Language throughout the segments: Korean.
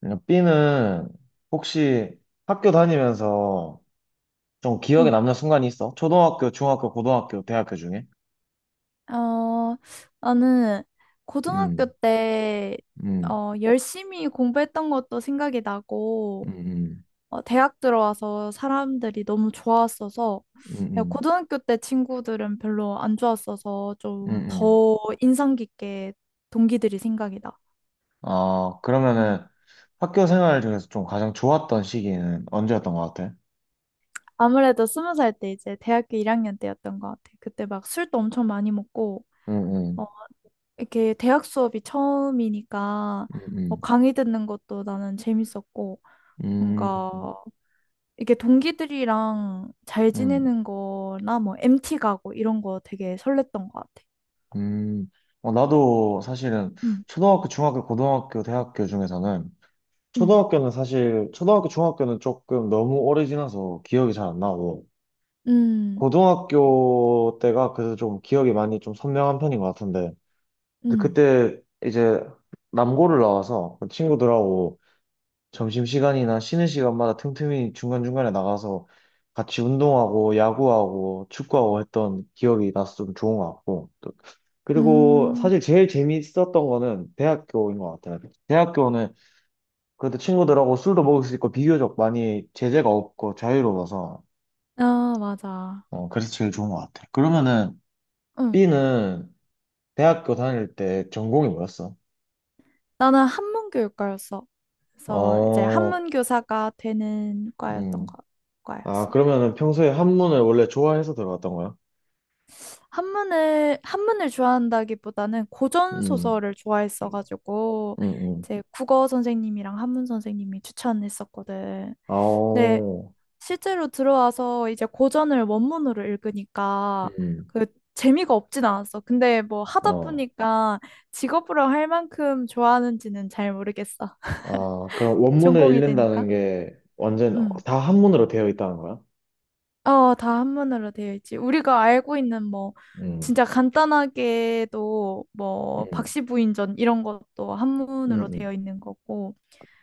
그러니까 B는 혹시 학교 다니면서 좀 기억에 응. 남는 순간이 있어? 초등학교, 중학교, 고등학교, 대학교 중에? 어, 나는 고등학교 음, 때, 음, 열심히 공부했던 것도 생각이 나고, 음, 음, 대학 들어와서 사람들이 너무 좋았어서, 내가 음, 고등학교 때 친구들은 별로 안 좋았어서 좀 음. 더 인상 깊게 동기들이 생각이 나. 아, 음. 그러면은 학교 생활 중에서 좀 가장 좋았던 시기는 언제였던 것 같아? 아무래도 스무 살 때 이제 대학교 1학년 때였던 것 같아. 그때 막 술도 엄청 많이 먹고, 음, 어, 음, 이렇게 대학 수업이 처음이니까 뭐 음, 강의 듣는 것도 나는 재밌었고 음, 뭔가 음, 이게 동기들이랑 잘 음. 지내는 거나 뭐 MT 가고 이런 거 되게 설렜던 것 같아. 음. 어, 나도 사실은 응, 초등학교, 중학교, 고등학교, 대학교 중에서는 응, 초등학교는 사실 초등학교 중학교는 조금 너무 오래 지나서 기억이 잘 안 나고 응, 고등학교 때가 그래도 좀 기억이 많이 좀 선명한 편인 것 같은데 근데 응, 그때 이제 남고를 나와서 그 친구들하고 점심시간이나 쉬는 시간마다 틈틈이 중간중간에 나가서 같이 운동하고 야구하고 축구하고 했던 기억이 나서 좀 좋은 것 같고 또 그리고 음, 사실 제일 재밌었던 거는 대학교인 것 같아요. 대학교는 그래도 친구들하고 술도 먹을 수 있고 비교적 많이 제재가 없고 자유로워서 아, 맞아. 어, 그래서 제일 좋은 것 같아. 그러면은 응. B는 대학교 다닐 때 전공이 뭐였어? 나는 한문교육과였어. 그래서 이제 어, 한문교사가 되는 음. 아, 과였어. 그러면은 평소에 한문을 원래 좋아해서 들어갔던 거야? 한문을 좋아한다기보다는 고전 음, 소설을 좋아했어가지고 음, 음. 이제 국어 선생님이랑 한문 선생님이 추천했었거든. 아, 근데 오, 실제로 들어와서 이제 고전을 원문으로 읽으니까 음, 그 재미가 없진 않았어. 근데 뭐 하다 어. 보니까 직업으로 할 만큼 좋아하는지는 잘 모르겠어. 아, 그럼 원문을 전공이 되니까. 읽는다는 게 완전 음. 다 한문으로 되어 있다는 거야? 다 한문으로 되어 있지. 우리가 알고 있는 뭐 음, 진짜 간단하게도 뭐 음, 박씨부인전 이런 것도 한문으로 음, 되어 있는 거고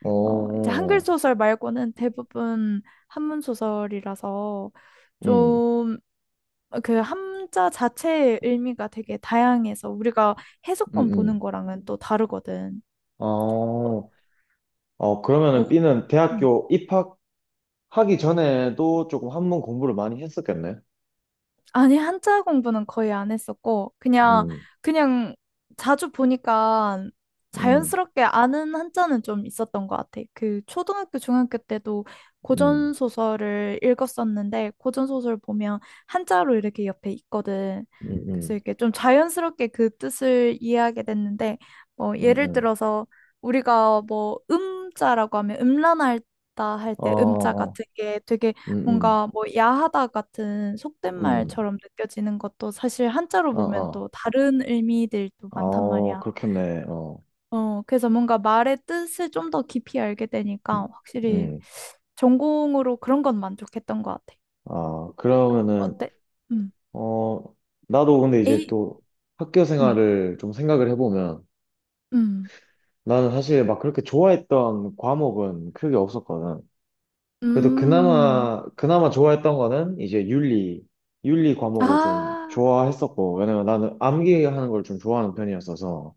이제 한글 오, 소설 말고는 대부분 한문 소설이라서 음, 좀 그 한자 자체의 의미가 되게 다양해서 우리가 음, 해석본 보는 음. 거랑은 또 다르거든. 어, 어, 어, 어, 그러면은 B는 음. 대학교 입학하기 전에도 조금 한문 공부를 많이 했었겠네. 아니, 한자 공부는 거의 안 했었고, 그냥, 음, 그냥 자주 보니까 음, 자연스럽게 아는 한자는 좀 있었던 것 같아. 그 초등학교, 중학교 때도 음, 고전소설을 읽었었는데, 고전소설 보면 한자로 이렇게 옆에 있거든. 음, 그래서 음, 이렇게 좀 자연스럽게 그 뜻을 이해하게 됐는데, 뭐, 음, 예를 음. 들어서 우리가 뭐, 음자라고 하면 음란하다 할 어, 때 음자 어, 같은 게 되게 음, 뭔가 뭐 야하다 같은 속된 음, 음, 말처럼 느껴지는 것도 사실 한자로 어, 보면 어, 또 다른 의미들도 많단 어, 말이야. 그렇겠네. 어, 그래서 뭔가 말의 뜻을 좀 더 깊이 알게 되니까 확실히 음, 전공으로 그런 건 만족했던 것 같아. 아, 그러면은, 어때? 음. 어, 나도 근데 이제 에이, 또 학교 음, 생활을 좀 생각을 해보면 음, 나는 사실 막 그렇게 좋아했던 과목은 크게 없었거든. 그래도 음. 그나마, 그나마 좋아했던 거는 이제 윤리, 윤리 과목을 좀 아, 좋아했었고, 왜냐면 나는 암기하는 걸 좀 좋아하는 편이었어서,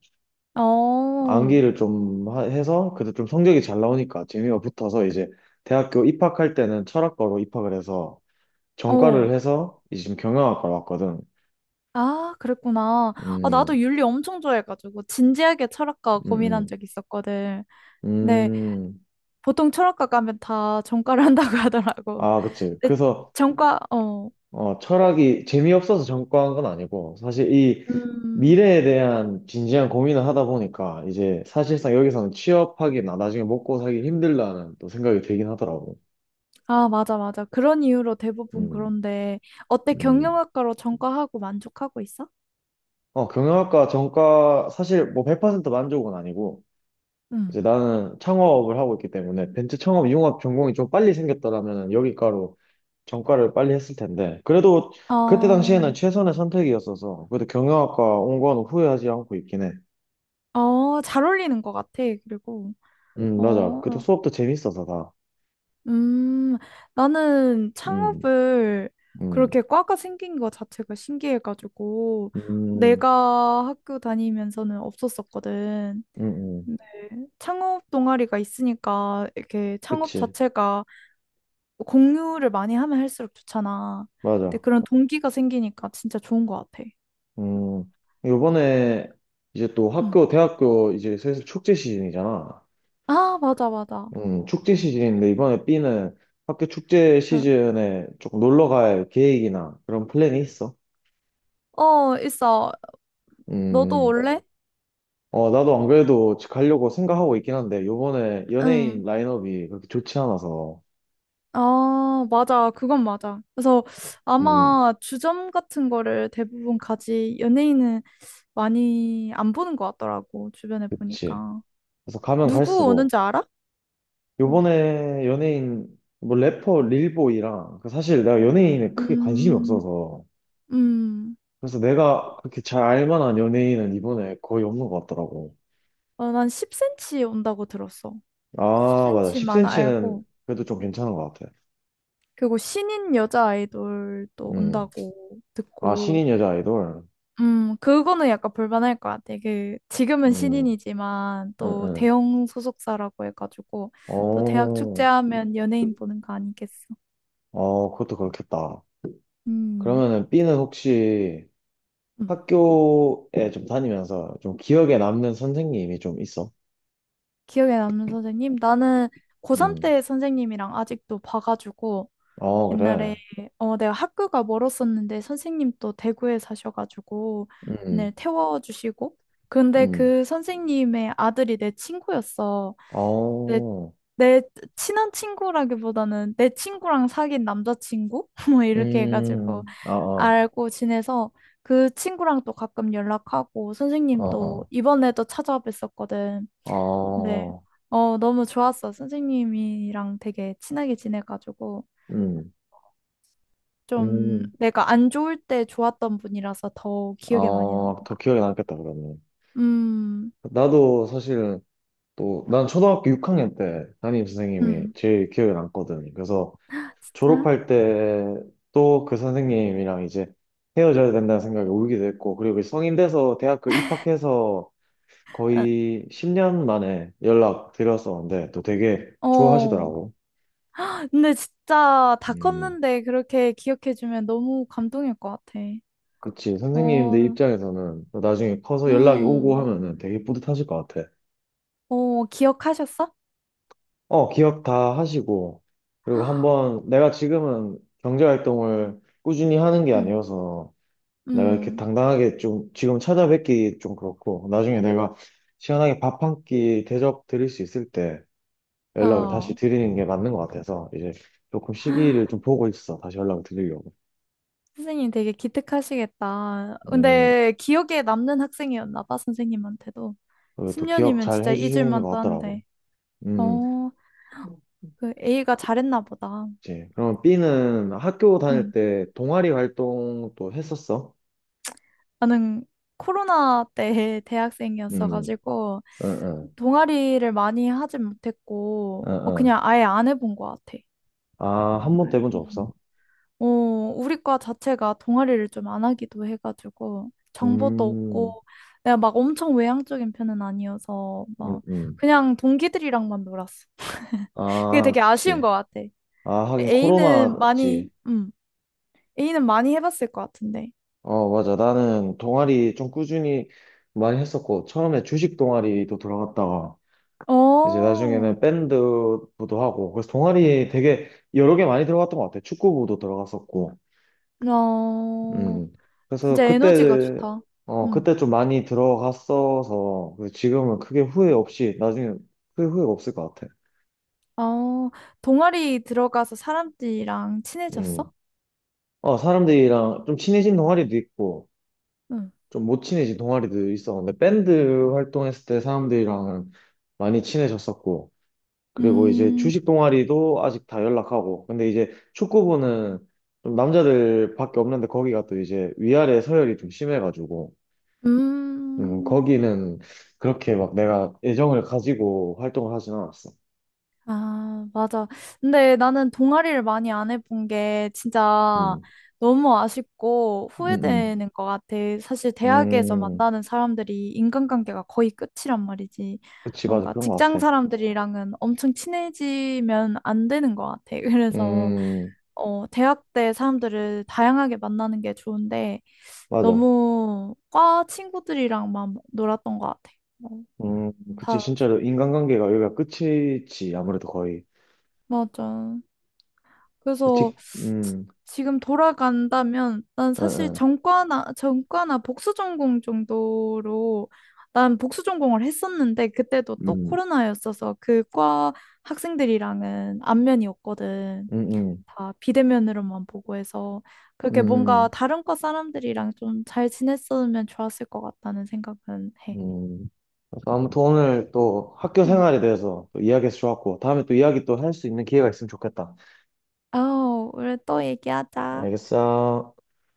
어, 암기를 좀 해서, 그래도 좀 성적이 잘 나오니까 재미가 붙어서 이제 대학교 입학할 때는 철학과로 입학을 해서, 어. 전과를 해서 이제 지금 경영학과로 왔거든. 아, 그랬구나. 아, 나도 음, 윤리 엄청 좋아해가지고 진지하게 철학과 음, 고민한 음, 적 있었거든. 네. 음. 보통 철학과 가면 다 전과를 한다고 하더라고. 아, 그치. 근데 그래서 전과, 어, 철학이 재미없어서 전과한 건 아니고, 사실 이 음, 미래에 대한 진지한 고민을 하다 보니까, 이제 사실상 여기서는 취업하기나 나중에 먹고 살기 힘들다는 또 생각이 들긴 하더라고. 아, 맞아, 맞아. 그런 이유로 대부분 음, 그런데, 어때, 음. 경영학과로 전과하고 만족하고 있어? 어, 경영학과 전과, 사실 뭐 100% 만족은 아니고, 응. 이제 나는 창업을 하고 있기 때문에, 벤츠 창업 융합 전공이 좀 빨리 생겼더라면 여기과로 전과를 빨리 했을 텐데, 그래도 그때 어, 당시에는 최선의 선택이었어서, 그래도 경영학과 온건 후회하지 않고 있긴 해. 잘 어울리는 것 같아, 그리고. 맞아. 그때 어, 수업도 재밌어서 다. 음, 나는 음, 창업을 음, 그렇게 과가 생긴 것 자체가 신기해가지고, 음, 내가 학교 다니면서는 없었었거든. 음, 음. 네. 창업 동아리가 있으니까 이렇게 창업 그치. 자체가 공유를 많이 하면 할수록 좋잖아. 근데 맞아. 그런 동기가 생기니까 진짜 좋은 것 같아. 음, 요번에 이제 또 응. 학교, 대학교 이제 슬슬 축제 시즌이잖아. 아, 맞아, 맞아. 축제 시즌인데 이번에 B는 학교 축제 응. 시즌에 조금 놀러 갈 계획이나 그런 플랜이 있어? 어, 있어. 너도 음, 올래? 어, 나도 안 그래도 가려고 생각하고 있긴 한데 요번에 응. 연예인 라인업이 그렇게 좋지 않아서. 아, 맞아. 그건 맞아. 그래서 음, 아마 주점 같은 거를 대부분 가지 연예인은 많이 안 보는 것 같더라고. 주변에 그치. 보니까. 그래서 가면 누구 갈수록 오는지 알아? 응. 요번에 연예인, 뭐 래퍼 릴보이랑, 그 사실 내가 연예인에 크게 관심이 음, 없어서, 음. 그래서 내가 그렇게 잘 알만한 연예인은 이번에 거의 없는 것 같더라고. 난 10cm 온다고 들었어. 아, 맞아. 10cm만 10cm는 알고. 그래도 좀 괜찮은 것 같아. 그리고 신인 여자 아이돌도 음. 온다고 아, 듣고. 신인 여자 아이돌? 그거는 약간 볼만할 것 같아. 그, 지금은 음, 신인이지만 응, 또 응. 대형 소속사라고 해가지고 또 대학 어, 축제하면 연예인 보는 거 아니겠어. 어, 그것도 그렇겠다. 음, 그러면은 B는 혹시 음. 학교에 좀 다니면서 좀 기억에 남는 선생님이 좀 있어? 기억에 남는 선생님? 나는 고3 음. 때 선생님이랑 아직도 봐가지고 어, 그래. 옛날에 내가 학교가 멀었었는데 선생님도 대구에 사셔가지고 맨날 음, 태워주시고 근데 음. 그 선생님의 아들이 내 친구였어. 내, 어, 내 친한 친구라기보다는 내 친구랑 사귄 남자친구? 뭐 이렇게 해가지고 어, 어, 알고 지내서 그 친구랑 또 가끔 연락하고 선생님 또 어, 이번에도 찾아뵀었거든. 어, 네. 어, 너무 좋았어. 선생님이랑 되게 친하게 지내가지고. 음, 좀 음, 내가 안 좋을 때 좋았던 분이라서 더 기억에 많이 남는 어, 것 더 같아. 기억에 남겠다, 그러면. 음, 나도 사실 또, 난 초등학교 6학년 때 담임 선생님이 음, 제일 기억에 남거든. 그래서 진짜? 졸업할 때 또 그 선생님이랑 이제 헤어져야 된다는 생각에 울기도 했고, 그리고 성인 돼서 대학교 입학해서 거의 10년 만에 연락 드렸었는데, 또 되게 어, 어. 좋아하시더라고. 근데 진짜 다 음. 컸는데 그렇게 기억해주면 너무 감동일 것 같아. 그치. 선생님들 어, 입장에서는 나중에 커서 연락이 오고 음, 하면은 되게 뿌듯하실 것 같아. 기억하셨어? 어, 기억 다 하시고. 그리고 한번 내가 지금은 경제활동을 꾸준히 하는 게 음, 아니어서 내가 이렇게 음, 당당하게 좀 지금 찾아뵙기 좀 그렇고 나중에 내가 시원하게 밥 한 끼 대접 드릴 수 있을 때 연락을 어. 다시 드리는 게 맞는 것 같아서 이제 조금 시기를 좀 보고 있어. 다시 연락을 드리려고. 선생님 되게 기특하시겠다. 음, 근데 기억에 남는 학생이었나 봐, 선생님한테도. 그리고 또 기억 10년이면 잘 진짜 잊을 해주시는 것 만도 같더라고. 한데. 음. 어, 그 A가 잘했나 보다. 그치. 그럼 B는 학교 다닐 응. 때 동아리 활동도 했었어? 나는 코로나 때 음, 대학생이었어가지고 응, 응, 동아리를 많이 하진 못했고 응, 응. 그냥 아예 안 해본 것 같아. 아, 한 번도 해본 적 음. 없어? 어, 우리 과 자체가 동아리를 좀 안 하기도 해가지고 정보도 음, 없고 내가 막 엄청 외향적인 편은 아니어서 응, 막 응. 그냥 동기들이랑만 놀았어. 그게 아, 되게 아쉬운 그치. 것 같아. 아, 하긴 A는 많이, 코로나지. 음, A는 많이 해봤을 것 같은데. 어, 맞아. 나는 동아리 좀 꾸준히 많이 했었고, 처음에 주식 동아리도 들어갔다가, 어, 이제 어, 나중에는 밴드부도 하고, 그래서 동아리 되게 여러 개 많이 들어갔던 것 같아. 축구부도 들어갔었고. 음. 그래서 진짜 에너지가 그때, 좋다. 어, 음. 그때 좀 많이 들어갔어서, 그 지금은 크게 후회 없이, 나중에 크게 후회 없을 것 같아. 어, 동아리 들어가서 사람들이랑 음. 친해졌어? 어, 사람들이랑 좀 친해진 동아리도 있고, 응. 좀 못 친해진 동아리도 있어. 근데 밴드 활동했을 때 사람들이랑 은 많이 친해졌었고, 그리고 이제 음, 주식 동아리도 아직 다 연락하고, 근데 이제 축구부는 좀 남자들밖에 없는데 거기가 또 이제 위아래 서열이 좀 심해가지고, 음, 거기는 그렇게 막 내가 애정을 가지고 활동을 하진 않았어. 아, 맞아. 근데 나는 동아리를 많이 안 해본 게 진짜 음, 너무 아쉽고 음, 후회되는 것 같아. 사실 대학에서 음. 음, 만나는 사람들이 인간관계가 거의 끝이란 말이지. 그치, 맞아. 뭔가 그런 것 직장 같아. 사람들이랑은 엄청 친해지면 안 되는 것 같아. 그래서, 음, 어, 대학 때 사람들을 다양하게 만나는 게 좋은데, 맞아. 너무 과 친구들이랑만 놀았던 것 같아. 뭐, 그치, 다, 진짜로 인간관계가 여기가 끝이지, 아무래도 거의. 맞아. 그래서 그치, 지- 지금 돌아간다면 난 응, 사실 응, 전과나 복수 전공 정도로 난 복수 전공을 했었는데 그때도 또 음, 코로나였어서 그과 학생들이랑은 안면이었거든. 음, 다 비대면으로만 보고 해서 음, 그게 뭔가 음. 다른 과 사람들이랑 좀 잘 지냈으면 좋았을 것 같다는 생각은 해. 음. 그래서 아무튼 오늘 또 학교 음. 생활에 대해서 또 이야기해서 좋았고, 다음에 또 이야기 또 할 수 있는 기회가 있으면 좋겠다. 우리 또 얘기하자. 알겠어.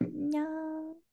안녕.